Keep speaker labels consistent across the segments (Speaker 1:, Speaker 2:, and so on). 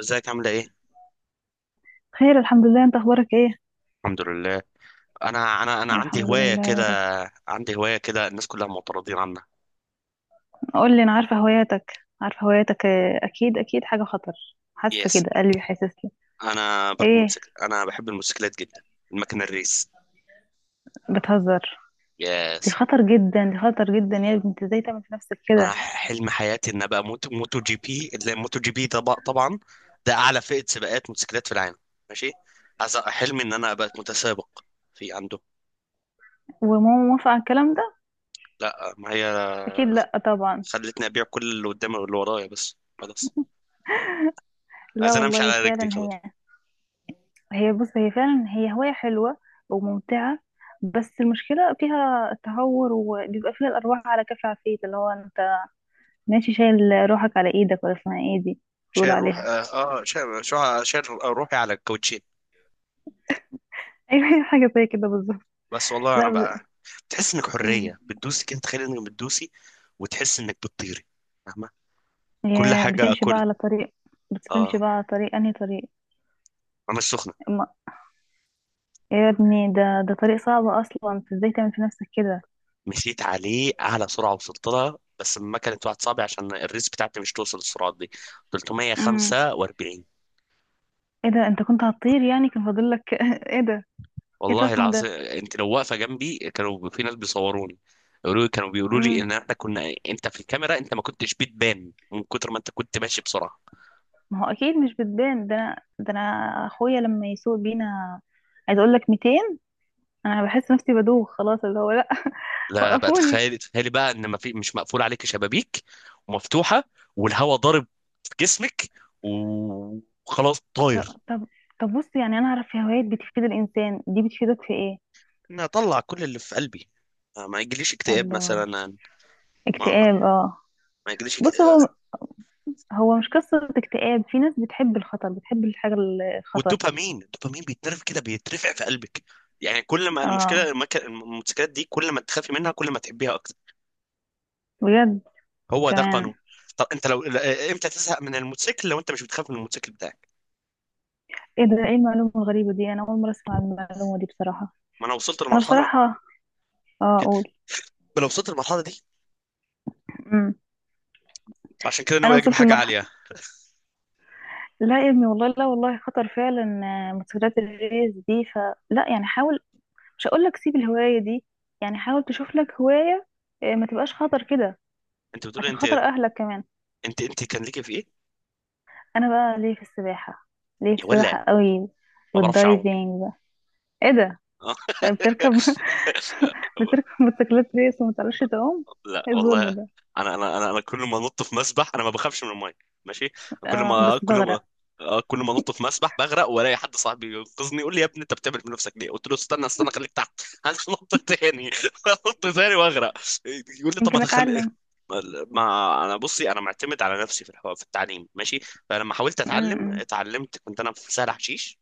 Speaker 1: ازيك، عامله ايه؟
Speaker 2: خير، الحمد لله. انت اخبارك ايه؟
Speaker 1: الحمد لله. انا عندي
Speaker 2: الحمد
Speaker 1: هوايه
Speaker 2: لله يا
Speaker 1: كده،
Speaker 2: رب.
Speaker 1: عندي هوايه كده، الناس كلها معترضين عنها.
Speaker 2: قول لي، انا عارفه هواياتك. عارفه هواياتك، اه، اكيد اكيد حاجه خطر. حاسه
Speaker 1: يس.
Speaker 2: كده، قلبي حاسس لي.
Speaker 1: انا بركب
Speaker 2: ايه؟
Speaker 1: موتوسيكل، انا بحب الموتوسيكلات جدا. المكنه الريس.
Speaker 2: بتهزر؟ دي
Speaker 1: يس.
Speaker 2: خطر جدا، دي خطر جدا يا بنت، ازاي تعمل في نفسك
Speaker 1: انا
Speaker 2: كده؟
Speaker 1: حلم حياتي ان ابقى موتو جي بي، اللي موتو جي بي طبعا ده اعلى فئه سباقات موتوسيكلات في العالم. ماشي. حلمي ان انا ابقى متسابق في عنده.
Speaker 2: وماما موافقه على الكلام ده؟
Speaker 1: لا، ما هي
Speaker 2: اكيد لا طبعا.
Speaker 1: خلتني ابيع كل اللي قدامي واللي ورايا، بس خلاص.
Speaker 2: لا
Speaker 1: عايز انا امشي
Speaker 2: والله
Speaker 1: على رجلي
Speaker 2: فعلا
Speaker 1: خلاص.
Speaker 2: هي. بص هي فعلا، هي هوايه حلوه وممتعه. بس المشكله فيها تهور وبيبقى فيها الارواح على كف عفيت، اللي هو انت ماشي شايل روحك على ايدك، ولا اسمها ايه دي
Speaker 1: شايل
Speaker 2: بيقولوا
Speaker 1: روح،
Speaker 2: عليها؟
Speaker 1: اه. شايل روحي على الكاوتشين.
Speaker 2: ايوه حاجه زي كده بالظبط.
Speaker 1: بس والله انا
Speaker 2: لا.
Speaker 1: بقى. بتحس انك
Speaker 2: مم.
Speaker 1: حريه، بتدوسي كده، تخيل انك بتدوسي، وتحس انك بتطيري. فاهمه؟ كل
Speaker 2: يا
Speaker 1: حاجه
Speaker 2: بتمشي بقى
Speaker 1: اكلها.
Speaker 2: على طريق بتمشي
Speaker 1: اه،
Speaker 2: بقى على طريق، انهي طريق؟
Speaker 1: انا السخنه.
Speaker 2: ما... يا ابني، ده ده طريق صعب اصلا، انت ازاي تعمل في نفسك كده؟
Speaker 1: مشيت عليه اعلى سرعه وصلت لها، بس لما كانت واحد صعبه عشان الريس بتاعتي مش توصل السرعات دي.
Speaker 2: امم.
Speaker 1: 345.
Speaker 2: ايه ده؟ انت كنت هتطير يعني، كان فاضل لك ايه ده؟ ايه
Speaker 1: والله
Speaker 2: الرقم
Speaker 1: العظيم،
Speaker 2: ده؟
Speaker 1: انت لو واقفه جنبي كانوا في ناس بيصوروني يقولوا لي، كانوا بيقولوا لي
Speaker 2: امم.
Speaker 1: ان احنا كنا، انت في الكاميرا انت ما كنتش بتبان من كتر ما انت كنت ماشي بسرعه.
Speaker 2: ما هو اكيد مش بتبان. ده انا، ده انا اخويا لما يسوق بينا عايز اقول لك 200، انا بحس نفسي بدوخ خلاص، اللي هو لا.
Speaker 1: لا بقى،
Speaker 2: وقفوني.
Speaker 1: تخيلي تخيلي بقى ان ما في، مش مقفول عليك شبابيك ومفتوحه، والهواء ضارب في جسمك، وخلاص
Speaker 2: طب،
Speaker 1: طاير.
Speaker 2: طب. طب بص، يعني انا اعرف في هوايات بتفيد الانسان، دي بتفيدك في ايه؟
Speaker 1: انا اطلع كل اللي في قلبي. ما يجيليش اكتئاب
Speaker 2: الله.
Speaker 1: مثلا. ما
Speaker 2: اكتئاب، اه.
Speaker 1: ما يجيليش اكت-
Speaker 2: بص هو،
Speaker 1: آه،
Speaker 2: هو مش قصة اكتئاب، في ناس بتحب الخطر، بتحب الحاجة الخطر.
Speaker 1: والدوبامين بيتنرف كده، بيترفع في قلبك. يعني كل ما
Speaker 2: اه،
Speaker 1: الموتوسيكلات دي، كل ما تخافي منها كل ما تحبيها اكتر.
Speaker 2: بجد.
Speaker 1: هو ده
Speaker 2: كمان؟
Speaker 1: قانون. طب انت لو ل- آه، امتى تزهق من الموتوسيكل لو انت مش بتخاف من الموتوسيكل بتاعك؟
Speaker 2: ايه ده، ايه المعلومة الغريبة دي؟ انا اول مرة اسمع المعلومة دي بصراحة.
Speaker 1: ما انا وصلت
Speaker 2: انا
Speaker 1: لمرحله
Speaker 2: بصراحة اه
Speaker 1: كده.
Speaker 2: اقول.
Speaker 1: ما انا وصلت للمرحله دي.
Speaker 2: امم.
Speaker 1: عشان كده
Speaker 2: انا
Speaker 1: ناوي اجيب
Speaker 2: وصلت
Speaker 1: حاجه عاليه.
Speaker 2: لمرحلة. لا يا ابني والله، لا والله خطر فعلا. موتوسيكلات الريس دي فلا، يعني حاول، مش هقول لك سيب الهواية دي، يعني حاول تشوف لك هواية ما تبقاش خطر كده،
Speaker 1: انت بتقول.
Speaker 2: عشان
Speaker 1: انت
Speaker 2: خاطر اهلك كمان.
Speaker 1: انت كان ليك في ايه؟
Speaker 2: انا بقى ليه في السباحة، ليه في
Speaker 1: يا ولا.
Speaker 2: السباحة قوي،
Speaker 1: ما بعرفش اعوم.
Speaker 2: والدايفينج بقى. ايه ده؟
Speaker 1: اه.
Speaker 2: يعني بتركب بتركب موتوسيكلات ريس وما تعرفش تعوم؟
Speaker 1: لا
Speaker 2: ايه
Speaker 1: والله.
Speaker 2: الظلم ده؟
Speaker 1: انا كل ما انط في مسبح انا ما بخافش من الميه. ماشي. كل
Speaker 2: اه
Speaker 1: ما
Speaker 2: بس
Speaker 1: كل ما
Speaker 2: بغرق.
Speaker 1: كل ما انط في مسبح بغرق، والاقي حد صاحبي ينقذني يقول لي: يا ابني انت بتعمل في نفسك ليه؟ قلت له: استنى استنى خليك تحت، هنط تاني. هنط تاني واغرق. يقول لي طب ما
Speaker 2: يمكن
Speaker 1: تخلي.
Speaker 2: اتعلم.
Speaker 1: ما انا بصي، انا معتمد على نفسي في التعليم. ماشي. فلما حاولت اتعلم
Speaker 2: امم.
Speaker 1: اتعلمت، كنت انا في سهل حشيش.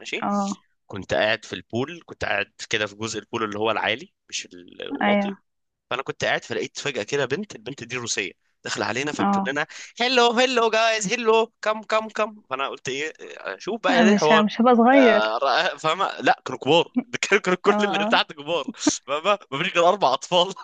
Speaker 1: ماشي.
Speaker 2: اه.
Speaker 1: كنت قاعد في البول، كنت قاعد كده في جزء البول اللي هو العالي، مش الواطي.
Speaker 2: ايوه.
Speaker 1: فانا كنت قاعد، فلقيت فجأة كده بنت، البنت دي روسية داخلة علينا فبتقول
Speaker 2: اه.
Speaker 1: لنا: هلو هلو جايز هلو كم كم كم. فانا قلت: ايه؟ شوف بقى ايه الحوار.
Speaker 2: مش هبقى صغير.
Speaker 1: آه، فاهمة؟ لا، كانوا كبار. ده كانوا
Speaker 2: اه،
Speaker 1: كل اللي
Speaker 2: اه،
Speaker 1: تحت كبار. فاهمة؟ مفيش غير 4 أطفال.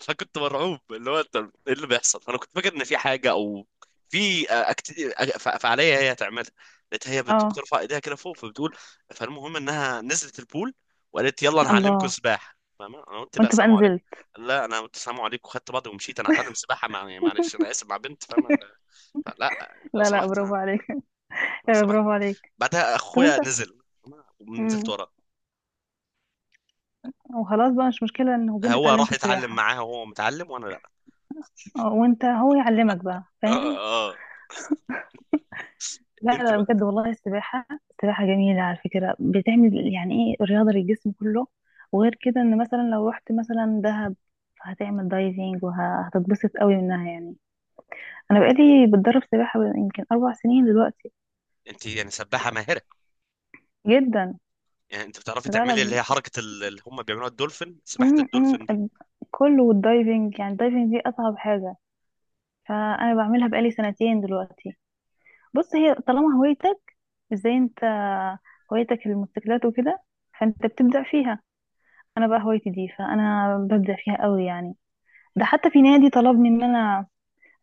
Speaker 1: فكنت مرعوب، اللي هو انت ايه اللي بيحصل، انا كنت فاكر ان في حاجه، او في فعاليه هي هتعملها. لقيت هي
Speaker 2: اه.
Speaker 1: بترفع ايديها كده فوق، فبتقول. فالمهم انها نزلت البول وقالت: يلا انا هعلمكم
Speaker 2: الله.
Speaker 1: سباحه. فاهمة؟ انا قلت: لا،
Speaker 2: وانت بقى
Speaker 1: سلام عليكم.
Speaker 2: نزلت؟
Speaker 1: قال لا، انا قلت سلام عليكم وخدت بعضي ومشيت. انا هتعلم سباحه مع، يعني معلش انا اسف، مع بنت؟ فاهمه؟ فلا، لو
Speaker 2: لا لا،
Speaker 1: سمحت.
Speaker 2: برافو عليك.
Speaker 1: لو سمحت.
Speaker 2: برافو عليك.
Speaker 1: بعدها
Speaker 2: طب
Speaker 1: اخويا
Speaker 2: انت.
Speaker 1: نزل، فاهمة؟ ونزلت
Speaker 2: امم.
Speaker 1: وراه.
Speaker 2: وخلاص بقى، مش مشكلة ان هو انت
Speaker 1: هو راح
Speaker 2: تعلمكوا
Speaker 1: يتعلم
Speaker 2: السباحة.
Speaker 1: معاها وهو متعلم وانا لا.
Speaker 2: وانت هو يعلمك بقى،
Speaker 1: اه،
Speaker 2: فاهم.
Speaker 1: اه، آه.
Speaker 2: لا
Speaker 1: انت
Speaker 2: لا
Speaker 1: بقى.
Speaker 2: بجد والله، السباحة، السباحة جميلة على فكرة، بتعمل يعني ايه رياضة للجسم كله. وغير كده، ان مثلا لو رحت مثلا دهب هتعمل دايفنج وهتتبسط قوي منها يعني. انا بقالي بتدرب سباحة يمكن اربع سنين دلوقتي.
Speaker 1: انت يعني سباحه ماهره؟
Speaker 2: جدا.
Speaker 1: يعني انت بتعرفي
Speaker 2: لا لا.
Speaker 1: تعملي اللي هي حركه اللي هم بيعملوها الدولفين، سباحه
Speaker 2: م- م-
Speaker 1: الدولفين دي؟
Speaker 2: ال- كله، والدايفنج، يعني الدايفنج دي اصعب حاجة، فانا بعملها بقالي سنتين دلوقتي. بص، هي طالما هوايتك، زي انت هوايتك الموتوسيكلات وكده، فانت بتبدع فيها. انا بقى هوايتي دي فانا ببدع فيها قوي يعني. ده حتى في نادي طلبني ان انا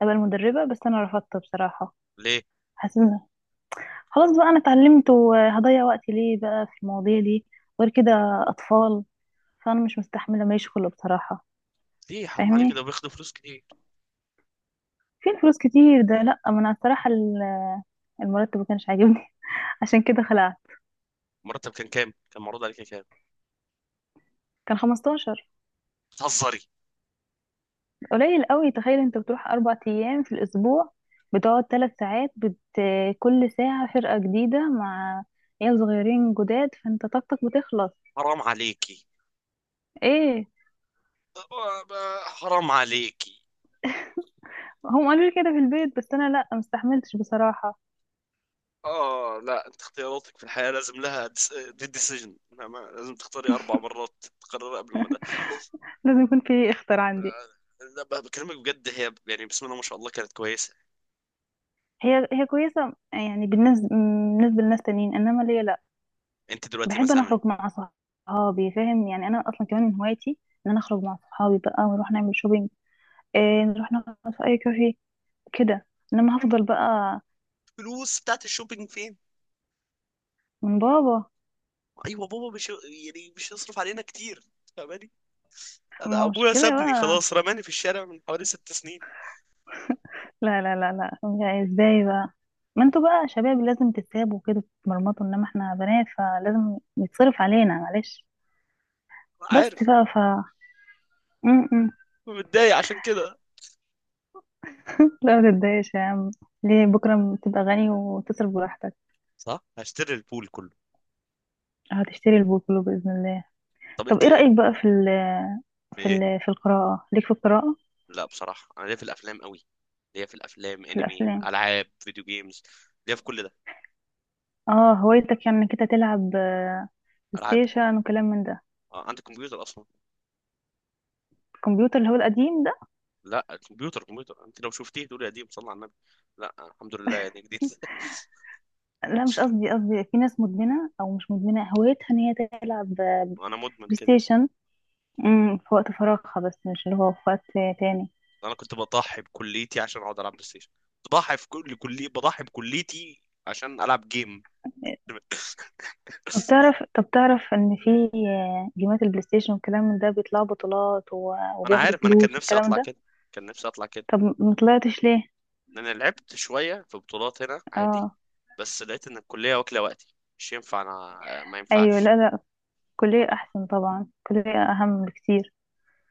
Speaker 2: ابقى المدربة، بس انا رفضت بصراحة.
Speaker 1: ليه؟
Speaker 2: حسيت إن خلاص بقى، انا اتعلمت، وهضيع وقتي ليه بقى في المواضيع دي؟ غير كده اطفال، فانا مش مستحملة ما يشغله بصراحة.
Speaker 1: ليه حرام عليك، ده
Speaker 2: فاهمني،
Speaker 1: بياخدوا فلوس كتير.
Speaker 2: فين فلوس كتير ده؟ لا ما انا الصراحة المرتب ما كانش عاجبني. عشان كده خلعت.
Speaker 1: مرتب كان كام؟ كان معروض عليك كام؟
Speaker 2: كان 15،
Speaker 1: بتهزري؟
Speaker 2: قليل قوي. تخيل انت بتروح اربع ايام في الاسبوع، بتقعد ثلاث ساعات كل ساعة فرقة جديدة مع عيال صغيرين جداد، فانت طاقتك بتخلص.
Speaker 1: حرام عليكي.
Speaker 2: ايه،
Speaker 1: حرام عليكي.
Speaker 2: هم قالوا لي كده في البيت بس انا لا، مستحملتش بصراحة.
Speaker 1: اه، لا، انت اختياراتك في الحياه لازم لها، دي ديسيجن. لازم تختاري 4 مرات، تقرري قبل ما ده.
Speaker 2: لازم يكون في اختر عندي.
Speaker 1: لا بكلمك بجد، هي يعني بسم الله ما شاء الله كانت كويسه.
Speaker 2: هي كويسة يعني، بالنسبة بالنسبة لناس تانيين، انما ليا لا.
Speaker 1: انت دلوقتي
Speaker 2: بحب انا
Speaker 1: مثلا.
Speaker 2: اخرج مع صحابي، فاهم يعني، انا اصلا كمان من هوايتي ان انا اخرج مع صحابي بقى ونروح نعمل شوبينج، إيه، نروح نقعد في اي كافيه كده. انما هفضل بقى
Speaker 1: الفلوس بتاعت الشوبينج فين؟
Speaker 2: من بابا.
Speaker 1: ايوه، بابا مش يعني مش يصرف علينا كتير، فاهماني؟ أنا
Speaker 2: ما هو مش
Speaker 1: ابويا
Speaker 2: كده
Speaker 1: سابني
Speaker 2: بقى؟
Speaker 1: خلاص، رماني في الشارع من حوالي 6 سنين.
Speaker 2: لا لا لا لا، يا ازاي بقى؟ ما انتوا بقى شباب، لازم تتسابوا كده، تتمرمطوا. انما احنا بنات فلازم يتصرف علينا، معلش. بس
Speaker 1: عارف.
Speaker 2: بقى ف م- م.
Speaker 1: متضايق عشان كده.
Speaker 2: لا ما تتضايقش يا عم، ليه؟ بكرة تبقى غني وتصرف براحتك.
Speaker 1: صح، هشتري البول كله.
Speaker 2: هتشتري البوكلو بإذن الله.
Speaker 1: طب
Speaker 2: طب
Speaker 1: انت
Speaker 2: ايه
Speaker 1: إيه؟
Speaker 2: رأيك بقى
Speaker 1: في ايه؟
Speaker 2: في القراءة، ليك في القراءة؟
Speaker 1: لا بصراحه، انا ليا في الافلام قوي. ليا في الافلام،
Speaker 2: في
Speaker 1: انمي،
Speaker 2: الأفلام.
Speaker 1: العاب فيديو جيمز. ليا في كل ده.
Speaker 2: اه، هوايتك يعني انك انت تلعب بلاي
Speaker 1: العاب.
Speaker 2: ستيشن وكلام من ده.
Speaker 1: عندك كمبيوتر اصلا؟
Speaker 2: الكمبيوتر اللي هو القديم ده.
Speaker 1: لا، الكمبيوتر، كمبيوتر انت لو شفتيه تقولي يا دي، صلى على النبي. لا، الحمد لله، يعني جديد.
Speaker 2: لا مش قصدي، قصدي في ناس مدمنة أو مش مدمنة، هوايتها إن هي تلعب بلاي
Speaker 1: وانا مدمن كده.
Speaker 2: ستيشن. في وقت فراغها، بس مش اللي هو في وقت تاني.
Speaker 1: انا كنت بضحي بكليتي عشان اقعد العب بلاي ستيشن. بضحي في كل، كلي، بضحي بكليتي عشان العب جيم.
Speaker 2: طب تعرف طب تعرف إن في جيمات البلاي ستيشن والكلام من ده بيطلعوا بطولات
Speaker 1: ما انا
Speaker 2: وبياخدوا
Speaker 1: عارف، ما انا كان
Speaker 2: فلوس
Speaker 1: نفسي
Speaker 2: والكلام
Speaker 1: اطلع
Speaker 2: ده؟
Speaker 1: كده. كان نفسي اطلع كده.
Speaker 2: طب مطلعتش ليه؟
Speaker 1: لان أنا لعبت شويه في بطولات هنا عادي.
Speaker 2: اه.
Speaker 1: بس لقيت ان الكليه واكله وقتي. مش ينفع، انا ما
Speaker 2: أيوه،
Speaker 1: ينفعش.
Speaker 2: لا لا، الكلية أحسن طبعا، الكلية أهم بكتير.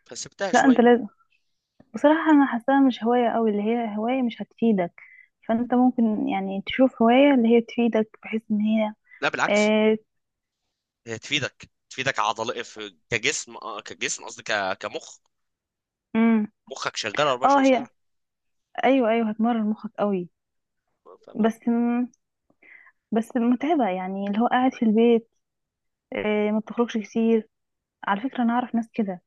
Speaker 1: فسبتها
Speaker 2: لا أنت
Speaker 1: شويه.
Speaker 2: لازم، بصراحة أنا حاساها مش هواية أوي، اللي هي هواية مش هتفيدك، فأنت ممكن يعني تشوف هواية اللي هي تفيدك بحيث إن هي
Speaker 1: لا بالعكس.
Speaker 2: آه،
Speaker 1: هي تفيدك عضل في كجسم، كجسم قصدي كمخ.
Speaker 2: امم.
Speaker 1: مخك شغال
Speaker 2: اه
Speaker 1: 24
Speaker 2: هي،
Speaker 1: ساعه.
Speaker 2: ايوه ايوه، هتمرن مخك قوي.
Speaker 1: فاهمة؟
Speaker 2: بس م... بس متعبه يعني، اللي هو قاعد في البيت، إيه، ما بتخرجش كتير. على فكره انا اعرف ناس كده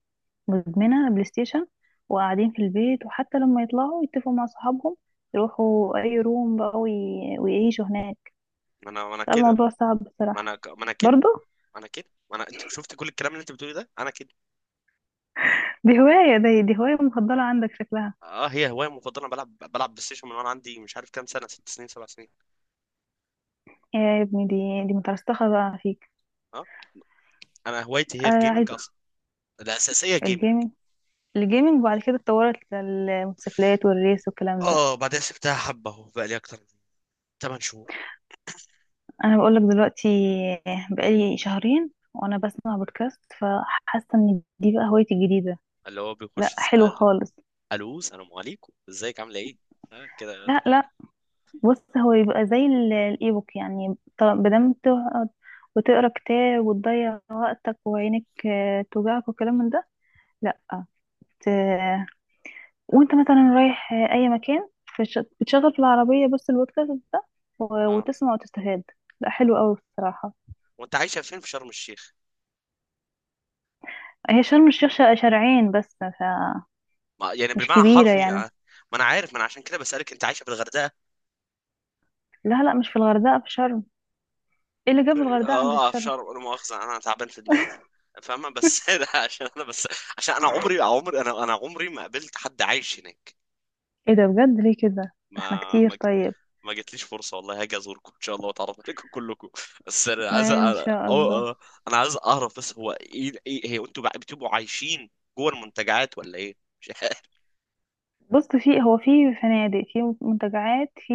Speaker 2: مدمنه بلاي ستيشن، وقاعدين في البيت، وحتى لما يطلعوا يتفقوا مع صحابهم يروحوا اي روم بقى ويعيشوا هناك.
Speaker 1: ما انا كده.
Speaker 2: الموضوع صعب
Speaker 1: ما
Speaker 2: بصراحه.
Speaker 1: انا ك- ما انا كده.
Speaker 2: برضه.
Speaker 1: ما انا كده، ما انا انت شفت كل الكلام اللي انت بتقولي ده، انا كده.
Speaker 2: دي هوايه مفضله عندك شكلها.
Speaker 1: اه، هي هوايه مفضله. أنا بلعب بلاي ستيشن من وانا عندي مش عارف كام سنه، 6 سنين 7 سنين.
Speaker 2: يا ابني دي مترسخه بقى فيك.
Speaker 1: اه، انا هوايتي هي الجيمنج
Speaker 2: عايزه
Speaker 1: اصلا. الاساسيه جيمنج.
Speaker 2: الجيمنج. الجيمنج، وبعد كده اتطورت للموتوسيكلات والريس والكلام ده.
Speaker 1: اه، بعدين سبتها حبه اهو، بقى لي اكتر من 8 شهور.
Speaker 2: انا بقول لك دلوقتي، بقالي شهرين وانا بسمع بودكاست، فحاسه ان دي بقى هوايتي الجديده.
Speaker 1: اللي هو بيخش
Speaker 2: لا حلو
Speaker 1: يسال.
Speaker 2: خالص.
Speaker 1: الو، السلام عليكم، ازيك عامله ايه؟ آه كده.
Speaker 2: لا لا، بص هو يبقى زي الايبوك يعني، بدل ما تقعد وتقرا كتاب وتضيع وقتك وعينك توجعك وكلام من ده، لا ت... وانت مثلا رايح اي مكان بتشغل في العربيه بس البودكاست ده
Speaker 1: اه،
Speaker 2: وتسمع وتستفاد. لا حلو قوي بصراحه.
Speaker 1: وانت عايشه فين؟ في شرم الشيخ؟
Speaker 2: هي شرم الشيخ شارعين بس
Speaker 1: ما يعني
Speaker 2: مش
Speaker 1: بالمعنى
Speaker 2: كبيرة
Speaker 1: حرفي.
Speaker 2: يعني.
Speaker 1: آه. ما انا عارف، ما انا عشان كده بسالك، انت عايشه في الغردقه؟
Speaker 2: لا لا، مش في الغردقة، في شرم. ايه اللي جاب الغردقة عند
Speaker 1: اه في
Speaker 2: الشرم؟
Speaker 1: شرم، لا مؤاخذه، انا تعبان في دماغي، فاهمه؟ بس ده عشان انا، بس عشان انا عمري عمري انا انا عمري ما قابلت حد عايش هناك.
Speaker 2: ايه ده بجد، ليه كده؟ ده احنا
Speaker 1: ما
Speaker 2: كتير
Speaker 1: ما جت.
Speaker 2: طيب.
Speaker 1: ما جتليش فرصه، والله هاجي ازوركم ان شاء الله واتعرف عليكم كلكم. بس انا عايز
Speaker 2: ان شاء الله.
Speaker 1: أو... أو- انا عايز اعرف بس، هو ايه هي، انتوا بقى بتبقوا عايشين جوه المنتجعات ولا ايه؟ مش عارف.
Speaker 2: بص، في فنادق، في منتجعات، في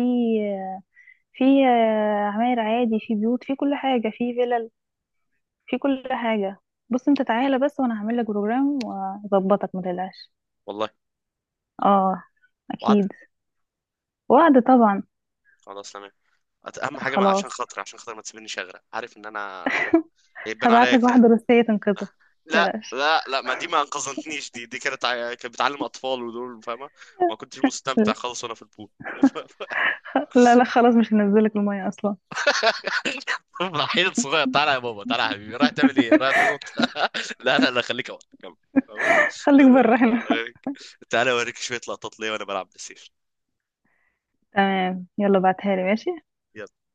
Speaker 2: في عماير عادي، في بيوت، في كل حاجة، في فلل، في كل حاجة. بص انت تعالى بس، وانا هعمل لك بروجرام واظبطك ما تقلقش.
Speaker 1: والله.
Speaker 2: اه،
Speaker 1: وعد.
Speaker 2: اكيد. وعد طبعا.
Speaker 1: خلاص، تمام. اهم حاجه عشان
Speaker 2: خلاص.
Speaker 1: خاطري، عشان خاطر ما تسيبنيش اغرق، عارف ان انا فاهم؟ هيبان
Speaker 2: هبعت
Speaker 1: عليا
Speaker 2: لك
Speaker 1: كده.
Speaker 2: واحدة روسية تنقذك،
Speaker 1: أه؟
Speaker 2: ما
Speaker 1: لا،
Speaker 2: تقلقش.
Speaker 1: لا، لا، ما دي ما انقذتنيش، دي كانت كانت بتعلم اطفال ودول، فاهمه؟ ما كنتش مستمتع خالص وانا في البول.
Speaker 2: لا لا خلاص، مش هنزلك المية اصلا.
Speaker 1: راح صغير، طالع يا بابا، طالع يا حبيبي، راح تعمل ايه، راح تنط. لا، لا، لا، خليك اول، كمل. تمام؟
Speaker 2: خليك بره هنا.
Speaker 1: تعالى اوريك شويه لقطات ليا وانا بلعب بلاي ستيشن.
Speaker 2: تمام، يلا بعتها لي ماشي.
Speaker 1: يلا.